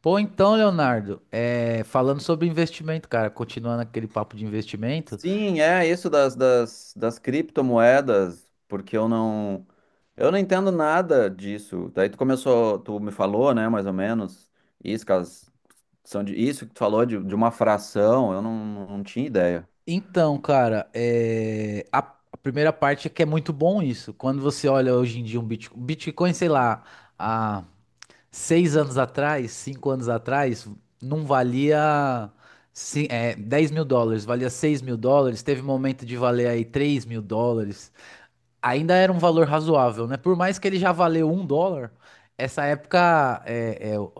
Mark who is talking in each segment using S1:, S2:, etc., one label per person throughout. S1: Pô, então, Leonardo, falando sobre investimento, cara, continuando aquele papo de investimento.
S2: Sim, é isso das criptomoedas, porque eu não entendo nada disso. Daí tu começou, tu me falou, né, mais ou menos, isso, que elas são de, isso que tu falou de uma fração, eu não tinha ideia.
S1: Então, cara, a primeira parte é que é muito bom isso. Quando você olha hoje em dia um Bitcoin, sei lá, há seis anos atrás, cinco anos atrás, não valia 10 mil dólares, valia 6 mil dólares. Teve momento de valer aí 3 mil dólares. Ainda era um valor razoável, né? Por mais que ele já valeu um dólar, essa época,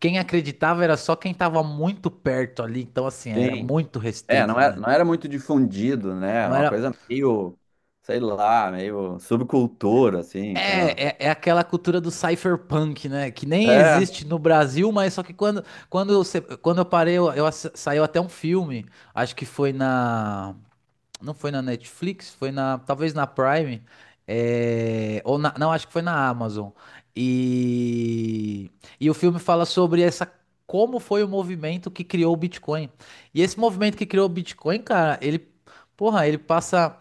S1: quem acreditava era só quem estava muito perto ali, então assim, era
S2: Sim,
S1: muito
S2: é,
S1: restrito,
S2: não era,
S1: né?
S2: não era muito difundido, né?
S1: Não
S2: Era uma
S1: era.
S2: coisa meio, sei lá, meio subcultura, assim, sei lá.
S1: É aquela cultura do cypherpunk, né? Que nem
S2: É,
S1: existe no Brasil, mas só que eu, se- quando eu parei, saiu até um filme, acho que foi na. Não foi na Netflix, foi na, talvez na Prime, é, ou na, não, acho que foi na Amazon. E, e o filme fala sobre essa como foi o movimento que criou o Bitcoin. E esse movimento que criou o Bitcoin, cara, ele, porra, ele passa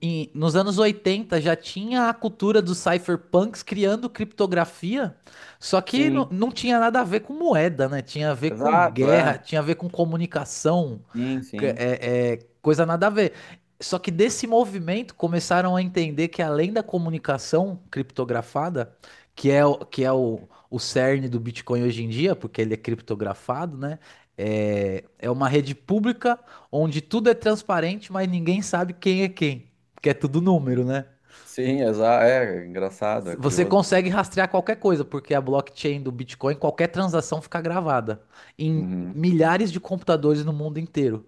S1: nos anos 80 já tinha a cultura dos cypherpunks criando criptografia, só que
S2: sim,
S1: não tinha nada a ver com moeda, né? Tinha a ver com
S2: exato,
S1: guerra,
S2: é.
S1: tinha a ver com comunicação
S2: Sim,
S1: que
S2: sim.
S1: É, é coisa nada a ver. Só que desse movimento começaram a entender que além da comunicação criptografada, que é o cerne do Bitcoin hoje em dia, porque ele é criptografado, né? É uma rede pública onde tudo é transparente, mas ninguém sabe quem é quem, porque é tudo número, né?
S2: Sim, exato, é engraçado, é
S1: Você
S2: curioso.
S1: consegue rastrear qualquer coisa, porque a blockchain do Bitcoin, qualquer transação fica gravada em
S2: Uhum.
S1: milhares de computadores no mundo inteiro.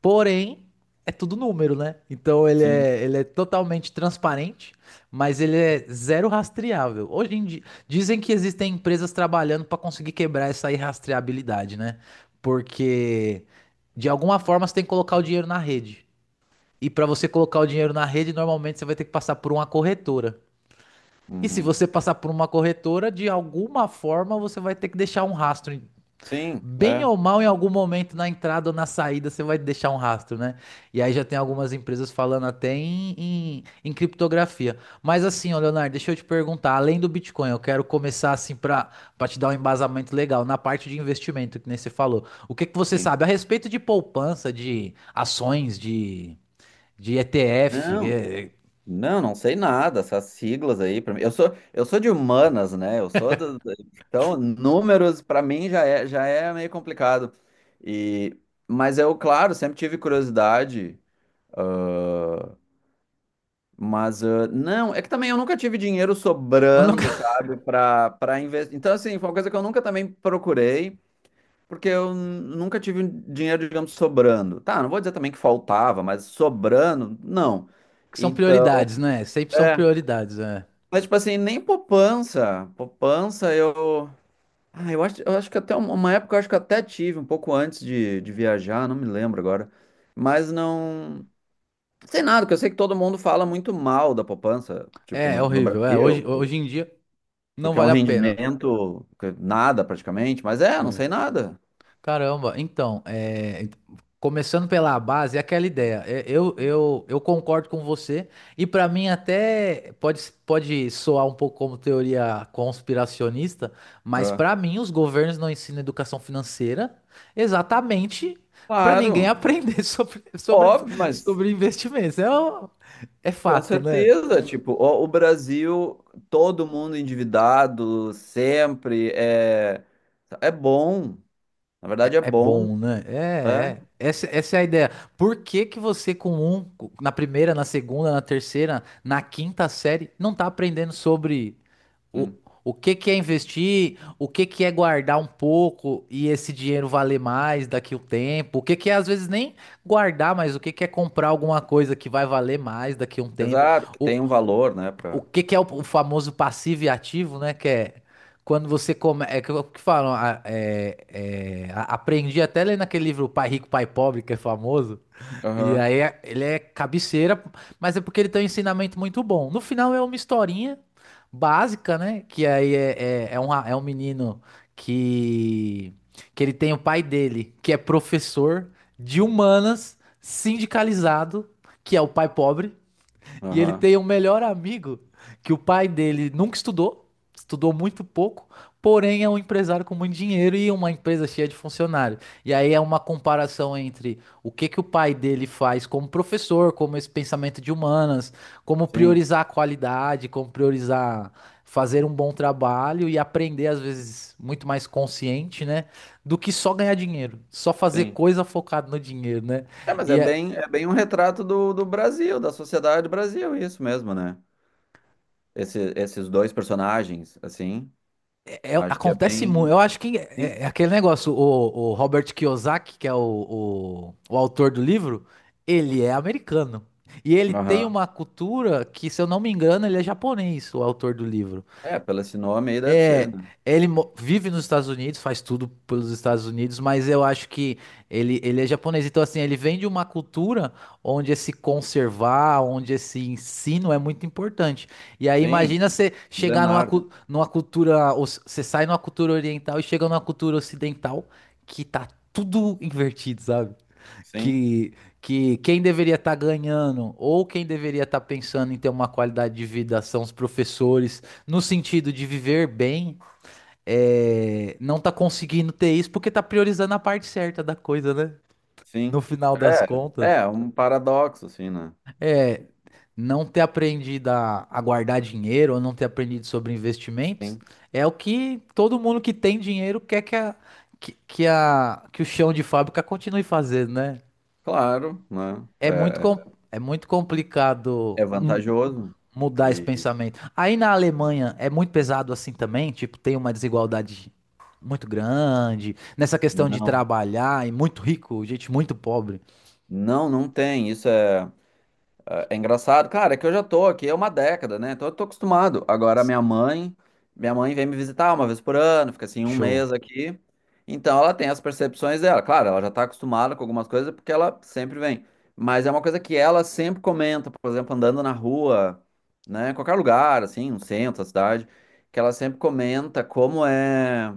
S1: Porém, é tudo número, né? Então
S2: Sim.
S1: ele é totalmente transparente, mas ele é zero rastreável. Hoje em dia, dizem que existem empresas trabalhando para conseguir quebrar essa irrastreabilidade, né? Porque de alguma forma você tem que colocar o dinheiro na rede. E para você colocar o dinheiro na rede, normalmente você vai ter que passar por uma corretora. E se
S2: Uhum.
S1: você passar por uma corretora, de alguma forma você vai ter que deixar um rastro.
S2: Sim,
S1: Bem
S2: é,
S1: ou mal, em algum momento na entrada ou na saída, você vai deixar um rastro, né? E aí já tem algumas empresas falando até em criptografia. Mas assim, ó, Leonardo, deixa eu te perguntar, além do Bitcoin, eu quero começar assim para para te dar um embasamento legal na parte de investimento, que nem você falou. O que que você
S2: sim.
S1: sabe a respeito de poupança, de ações, de ETF?
S2: Não.
S1: É,
S2: Não, não sei nada, essas siglas aí, pra mim. Eu sou de humanas, né? Eu sou do- então números pra mim já é meio complicado. E mas eu, claro, sempre tive curiosidade, ah, mas ah, não, é que também eu nunca tive dinheiro
S1: eu nunca-
S2: sobrando, sabe, para investir. Então assim, foi uma coisa que eu nunca também procurei. Porque eu nunca tive um dinheiro, digamos, sobrando. Tá, não vou dizer também que faltava, mas sobrando, não.
S1: Que são
S2: Então,
S1: prioridades, né? Sempre são
S2: é.
S1: prioridades, né?
S2: Mas, tipo assim, nem poupança. Poupança, eu. Ah, eu acho que até uma época eu acho que eu até tive, um pouco antes de viajar, não me lembro agora. Mas não. Sei nada, porque eu sei que todo mundo fala muito mal da poupança, tipo,
S1: É, é
S2: no
S1: horrível. É,
S2: Brasil,
S1: hoje em dia não
S2: porque é um
S1: vale a pena.
S2: rendimento que nada praticamente, mas é, não
S1: É.
S2: sei nada.
S1: Caramba, então, é, começando pela base, é aquela ideia. É, eu concordo com você, e para mim até pode, pode soar um pouco como teoria conspiracionista, mas
S2: É.
S1: para mim os governos não ensinam educação financeira exatamente para ninguém
S2: Claro.
S1: aprender
S2: Óbvio, mas
S1: sobre investimentos. É
S2: com
S1: fato, né?
S2: certeza, tipo, o Brasil, todo mundo endividado, sempre é, é bom, na
S1: É
S2: verdade é
S1: é
S2: bom,
S1: bom, né? É,
S2: né?
S1: é. Essa é a ideia. Por que que você com na primeira, na segunda, na terceira, na quinta série, não tá aprendendo sobre o,
S2: Hum.
S1: o que que é investir, o que que é guardar um pouco e esse dinheiro valer mais daqui o tempo, o que que é às vezes nem guardar, mas o que que é comprar alguma coisa que vai valer mais daqui um tempo.
S2: Exato, que tem um valor, né,
S1: O
S2: pra...
S1: que que é o famoso passivo e ativo, né? Que é quando você come, é que, é o que falam, aprendi até ler naquele livro Pai Rico, Pai Pobre, que é famoso. E
S2: Aham,
S1: aí ele é cabeceira, mas é porque ele tem um ensinamento muito bom. No final é uma historinha básica, né? Que aí é um, é um menino que ele tem o pai dele, que é professor de humanas, sindicalizado, que é o pai pobre. E ele
S2: aham,
S1: tem um melhor amigo que o pai dele nunca estudou, estudou muito pouco, porém é um empresário com muito dinheiro e uma empresa cheia de funcionários. E aí é uma comparação entre o que que o pai dele faz como professor, como esse pensamento de humanas, como
S2: sim,
S1: priorizar a qualidade, como priorizar fazer um bom trabalho e aprender às vezes muito mais consciente, né, do que só ganhar dinheiro, só fazer
S2: sim.
S1: coisa focada no dinheiro, né?
S2: É, mas
S1: E é,
S2: é bem um retrato do Brasil, da sociedade do Brasil, isso mesmo, né? Esse, esses dois personagens, assim, acho que é
S1: acontece muito.
S2: bem,
S1: Eu acho que
S2: sim,
S1: é aquele negócio. O Robert Kiyosaki, que é o autor do livro, ele é americano. E ele tem
S2: aham.
S1: uma cultura que, se eu não me engano, ele é japonês, o autor do livro.
S2: É, pelo esse nome aí deve ser,
S1: É,
S2: né?
S1: vive nos Estados Unidos, faz tudo pelos Estados Unidos, mas eu acho que ele é japonês. Então, assim, ele vem de uma cultura onde esse conservar, onde esse ensino é muito importante. E aí,
S2: Sim,
S1: imagina você chegar
S2: milenar, né?
S1: numa cultura, você sai numa cultura oriental e chega numa cultura ocidental que tá tudo invertido, sabe?
S2: Sim.
S1: que, que quem deveria estar ganhando ou quem deveria estar pensando em ter uma qualidade de vida são os professores, no sentido de viver bem, é, não tá conseguindo ter isso porque tá priorizando a parte certa da coisa, né?
S2: Sim.
S1: No final das
S2: É,
S1: contas,
S2: é um paradoxo, assim, né?
S1: é não ter aprendido a guardar dinheiro ou não ter aprendido sobre investimentos
S2: Sim.
S1: é o que todo mundo que tem dinheiro quer que o chão de fábrica continue fazendo, né?
S2: Claro, né?
S1: É muito, é muito complicado
S2: É, é vantajoso.
S1: mudar esse
S2: E
S1: pensamento. Aí na Alemanha é muito pesado assim também, tipo, tem uma desigualdade muito grande nessa questão de
S2: não,
S1: trabalhar e muito rico, gente muito pobre.
S2: não, não tem. Isso é. Ah, é engraçado, cara, é que eu já tô aqui há uma década, né? Então eu tô acostumado. Agora minha mãe vem me visitar uma vez por ano, fica assim um
S1: Show.
S2: mês aqui. Então ela tem as percepções dela. Claro, ela já tá acostumada com algumas coisas porque ela sempre vem. Mas é uma coisa que ela sempre comenta, por exemplo, andando na rua, né? Em qualquer lugar, assim, no centro, da cidade, que ela sempre comenta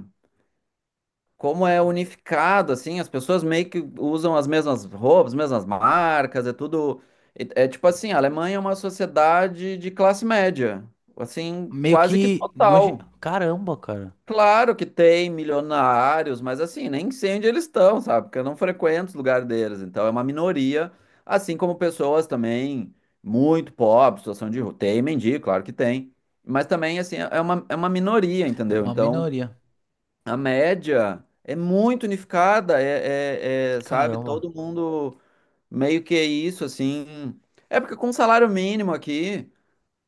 S2: como é unificado, assim, as pessoas meio que usam as mesmas roupas, as mesmas marcas, é tudo. É, é tipo assim, a Alemanha é uma sociedade de classe média, assim,
S1: Meio
S2: quase que
S1: que noje...
S2: total.
S1: Caramba, cara.
S2: Claro que tem milionários, mas assim, nem sei onde eles estão, sabe? Porque eu não frequento os lugares deles, então é uma minoria, assim como pessoas também muito pobres, situação de rua. Tem mendigo, claro que tem. Mas também, assim, é uma minoria,
S1: É
S2: entendeu?
S1: uma
S2: Então,
S1: minoria.
S2: a média é muito unificada, é, sabe?
S1: Caramba.
S2: Todo mundo meio que é isso, assim. É porque com salário mínimo aqui,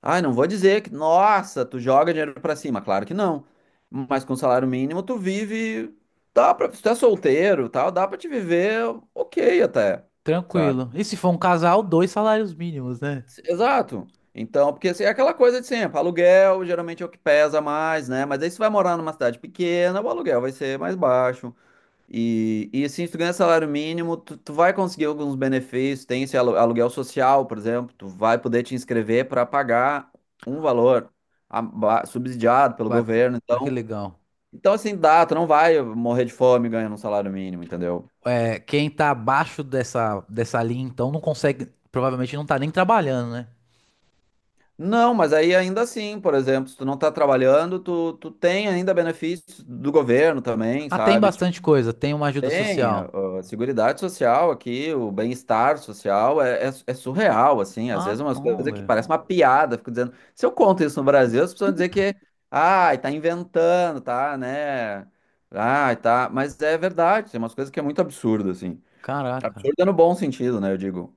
S2: ai, não vou dizer que, nossa, tu joga dinheiro pra cima, claro que não. Mas com salário mínimo tu vive, dá pra, se tu é solteiro, e tal, dá pra te viver ok até, sabe?
S1: Tranquilo. E se for um casal, dois salários mínimos, né?
S2: Exato. Então, porque assim, é aquela coisa de sempre, aluguel geralmente é o que pesa mais, né? Mas aí se vai morar numa cidade pequena, o aluguel vai ser mais baixo. E assim, se tu ganha salário mínimo, tu vai conseguir alguns benefícios. Tem esse aluguel social, por exemplo, tu vai poder te inscrever para pagar um valor subsidiado pelo
S1: Vai.
S2: governo.
S1: Ah, que
S2: Então,
S1: legal.
S2: então, assim, dá, tu não vai morrer de fome ganhando um salário mínimo, entendeu?
S1: É, quem tá abaixo dessa, linha, então, não consegue. Provavelmente não tá nem trabalhando, né?
S2: Não, mas aí ainda assim, por exemplo, se tu não tá trabalhando, tu tem ainda benefícios do governo também,
S1: Ah, tem
S2: sabe?
S1: bastante coisa. Tem uma ajuda
S2: Tem,
S1: social.
S2: a Seguridade Social aqui, o bem-estar social é surreal, assim, às
S1: Ah,
S2: vezes umas
S1: bom,
S2: coisas que
S1: velho.
S2: parecem uma piada, fico dizendo, se eu conto isso no Brasil, as pessoas vão dizer que, ai, tá inventando, tá, né, ai, tá, mas é verdade, tem umas coisas que é muito absurdo, assim,
S1: Caraca.
S2: absurdo é no bom sentido, né, eu digo,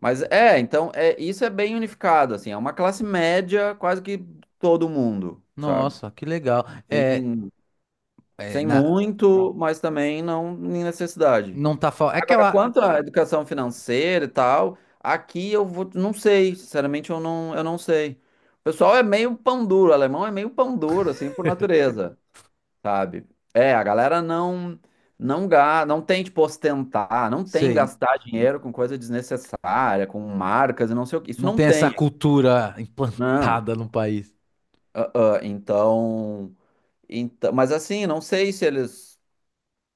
S2: mas é, então, é, isso é bem unificado, assim, é uma classe média quase que todo mundo, sabe,
S1: Nossa, que legal. É,
S2: sem,
S1: é,
S2: sem
S1: na,
S2: muito, mas também não em necessidade.
S1: não tá falando. É que eu
S2: Agora, quanto à educação financeira e tal, aqui eu vou, não sei, sinceramente eu não sei. O pessoal é meio pão duro, o alemão é meio pão duro, assim, por natureza, sabe? É, a galera não tem, tipo, ostentar, não tem
S1: sei, n-
S2: gastar
S1: n-
S2: dinheiro com coisa desnecessária, com marcas e não sei o que. Isso
S1: não
S2: não
S1: tem essa
S2: tem,
S1: cultura
S2: não.
S1: implantada no país.
S2: Ah, então, então, mas assim, não sei se eles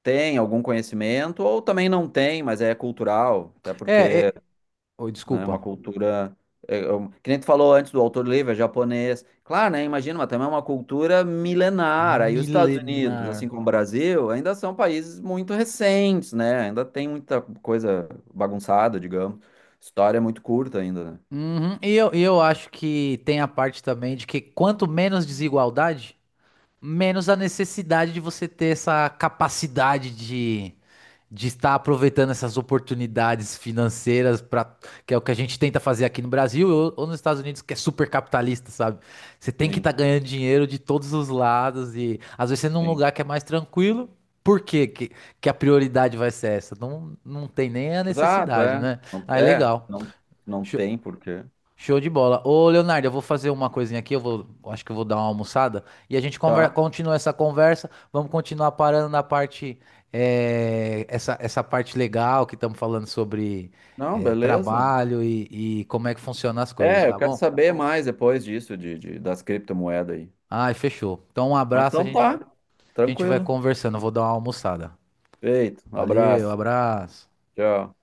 S2: têm algum conhecimento ou também não têm, mas é cultural, até
S1: É,
S2: porque
S1: é, oi,
S2: né? Uma
S1: desculpa.
S2: cultura. Que nem tu falou antes do autor livre, é japonês. Claro, né? Imagina, mas também é uma cultura milenar. Aí os Estados Unidos, assim
S1: Milenar.
S2: como o Brasil, ainda são países muito recentes, né? Ainda tem muita coisa bagunçada, digamos. História é muito curta ainda, né?
S1: Uhum. E eu acho que tem a parte também de que quanto menos desigualdade, menos a necessidade de você ter essa capacidade de estar aproveitando essas oportunidades financeiras para que é o que a gente tenta fazer aqui no Brasil ou nos Estados Unidos, que é super capitalista, sabe? Você tem que
S2: Sim,
S1: estar ganhando dinheiro de todos os lados e às vezes você é num
S2: sim.
S1: lugar que é mais tranquilo, por quê que a prioridade vai ser essa? Não, não tem nem a
S2: Exato,
S1: necessidade,
S2: é.
S1: né? Ah, é
S2: É,
S1: legal.
S2: não, não tem porquê.
S1: Show de bola. Ô, Leonardo, eu vou fazer uma coisinha aqui, eu acho que eu vou dar uma almoçada e a gente
S2: Tá.
S1: continua essa conversa. Vamos continuar parando na parte, essa parte legal que estamos falando sobre,
S2: Não,
S1: eh,
S2: beleza.
S1: trabalho e como é que funcionam as coisas,
S2: É, eu
S1: tá
S2: quero
S1: bom?
S2: saber mais depois disso, das criptomoedas aí.
S1: Ai, fechou. Então, um
S2: Mas
S1: abraço,
S2: então tá,
S1: a gente vai
S2: tranquilo.
S1: conversando. Eu vou dar uma almoçada.
S2: Feito, um
S1: Valeu,
S2: abraço.
S1: abraço.
S2: Tchau.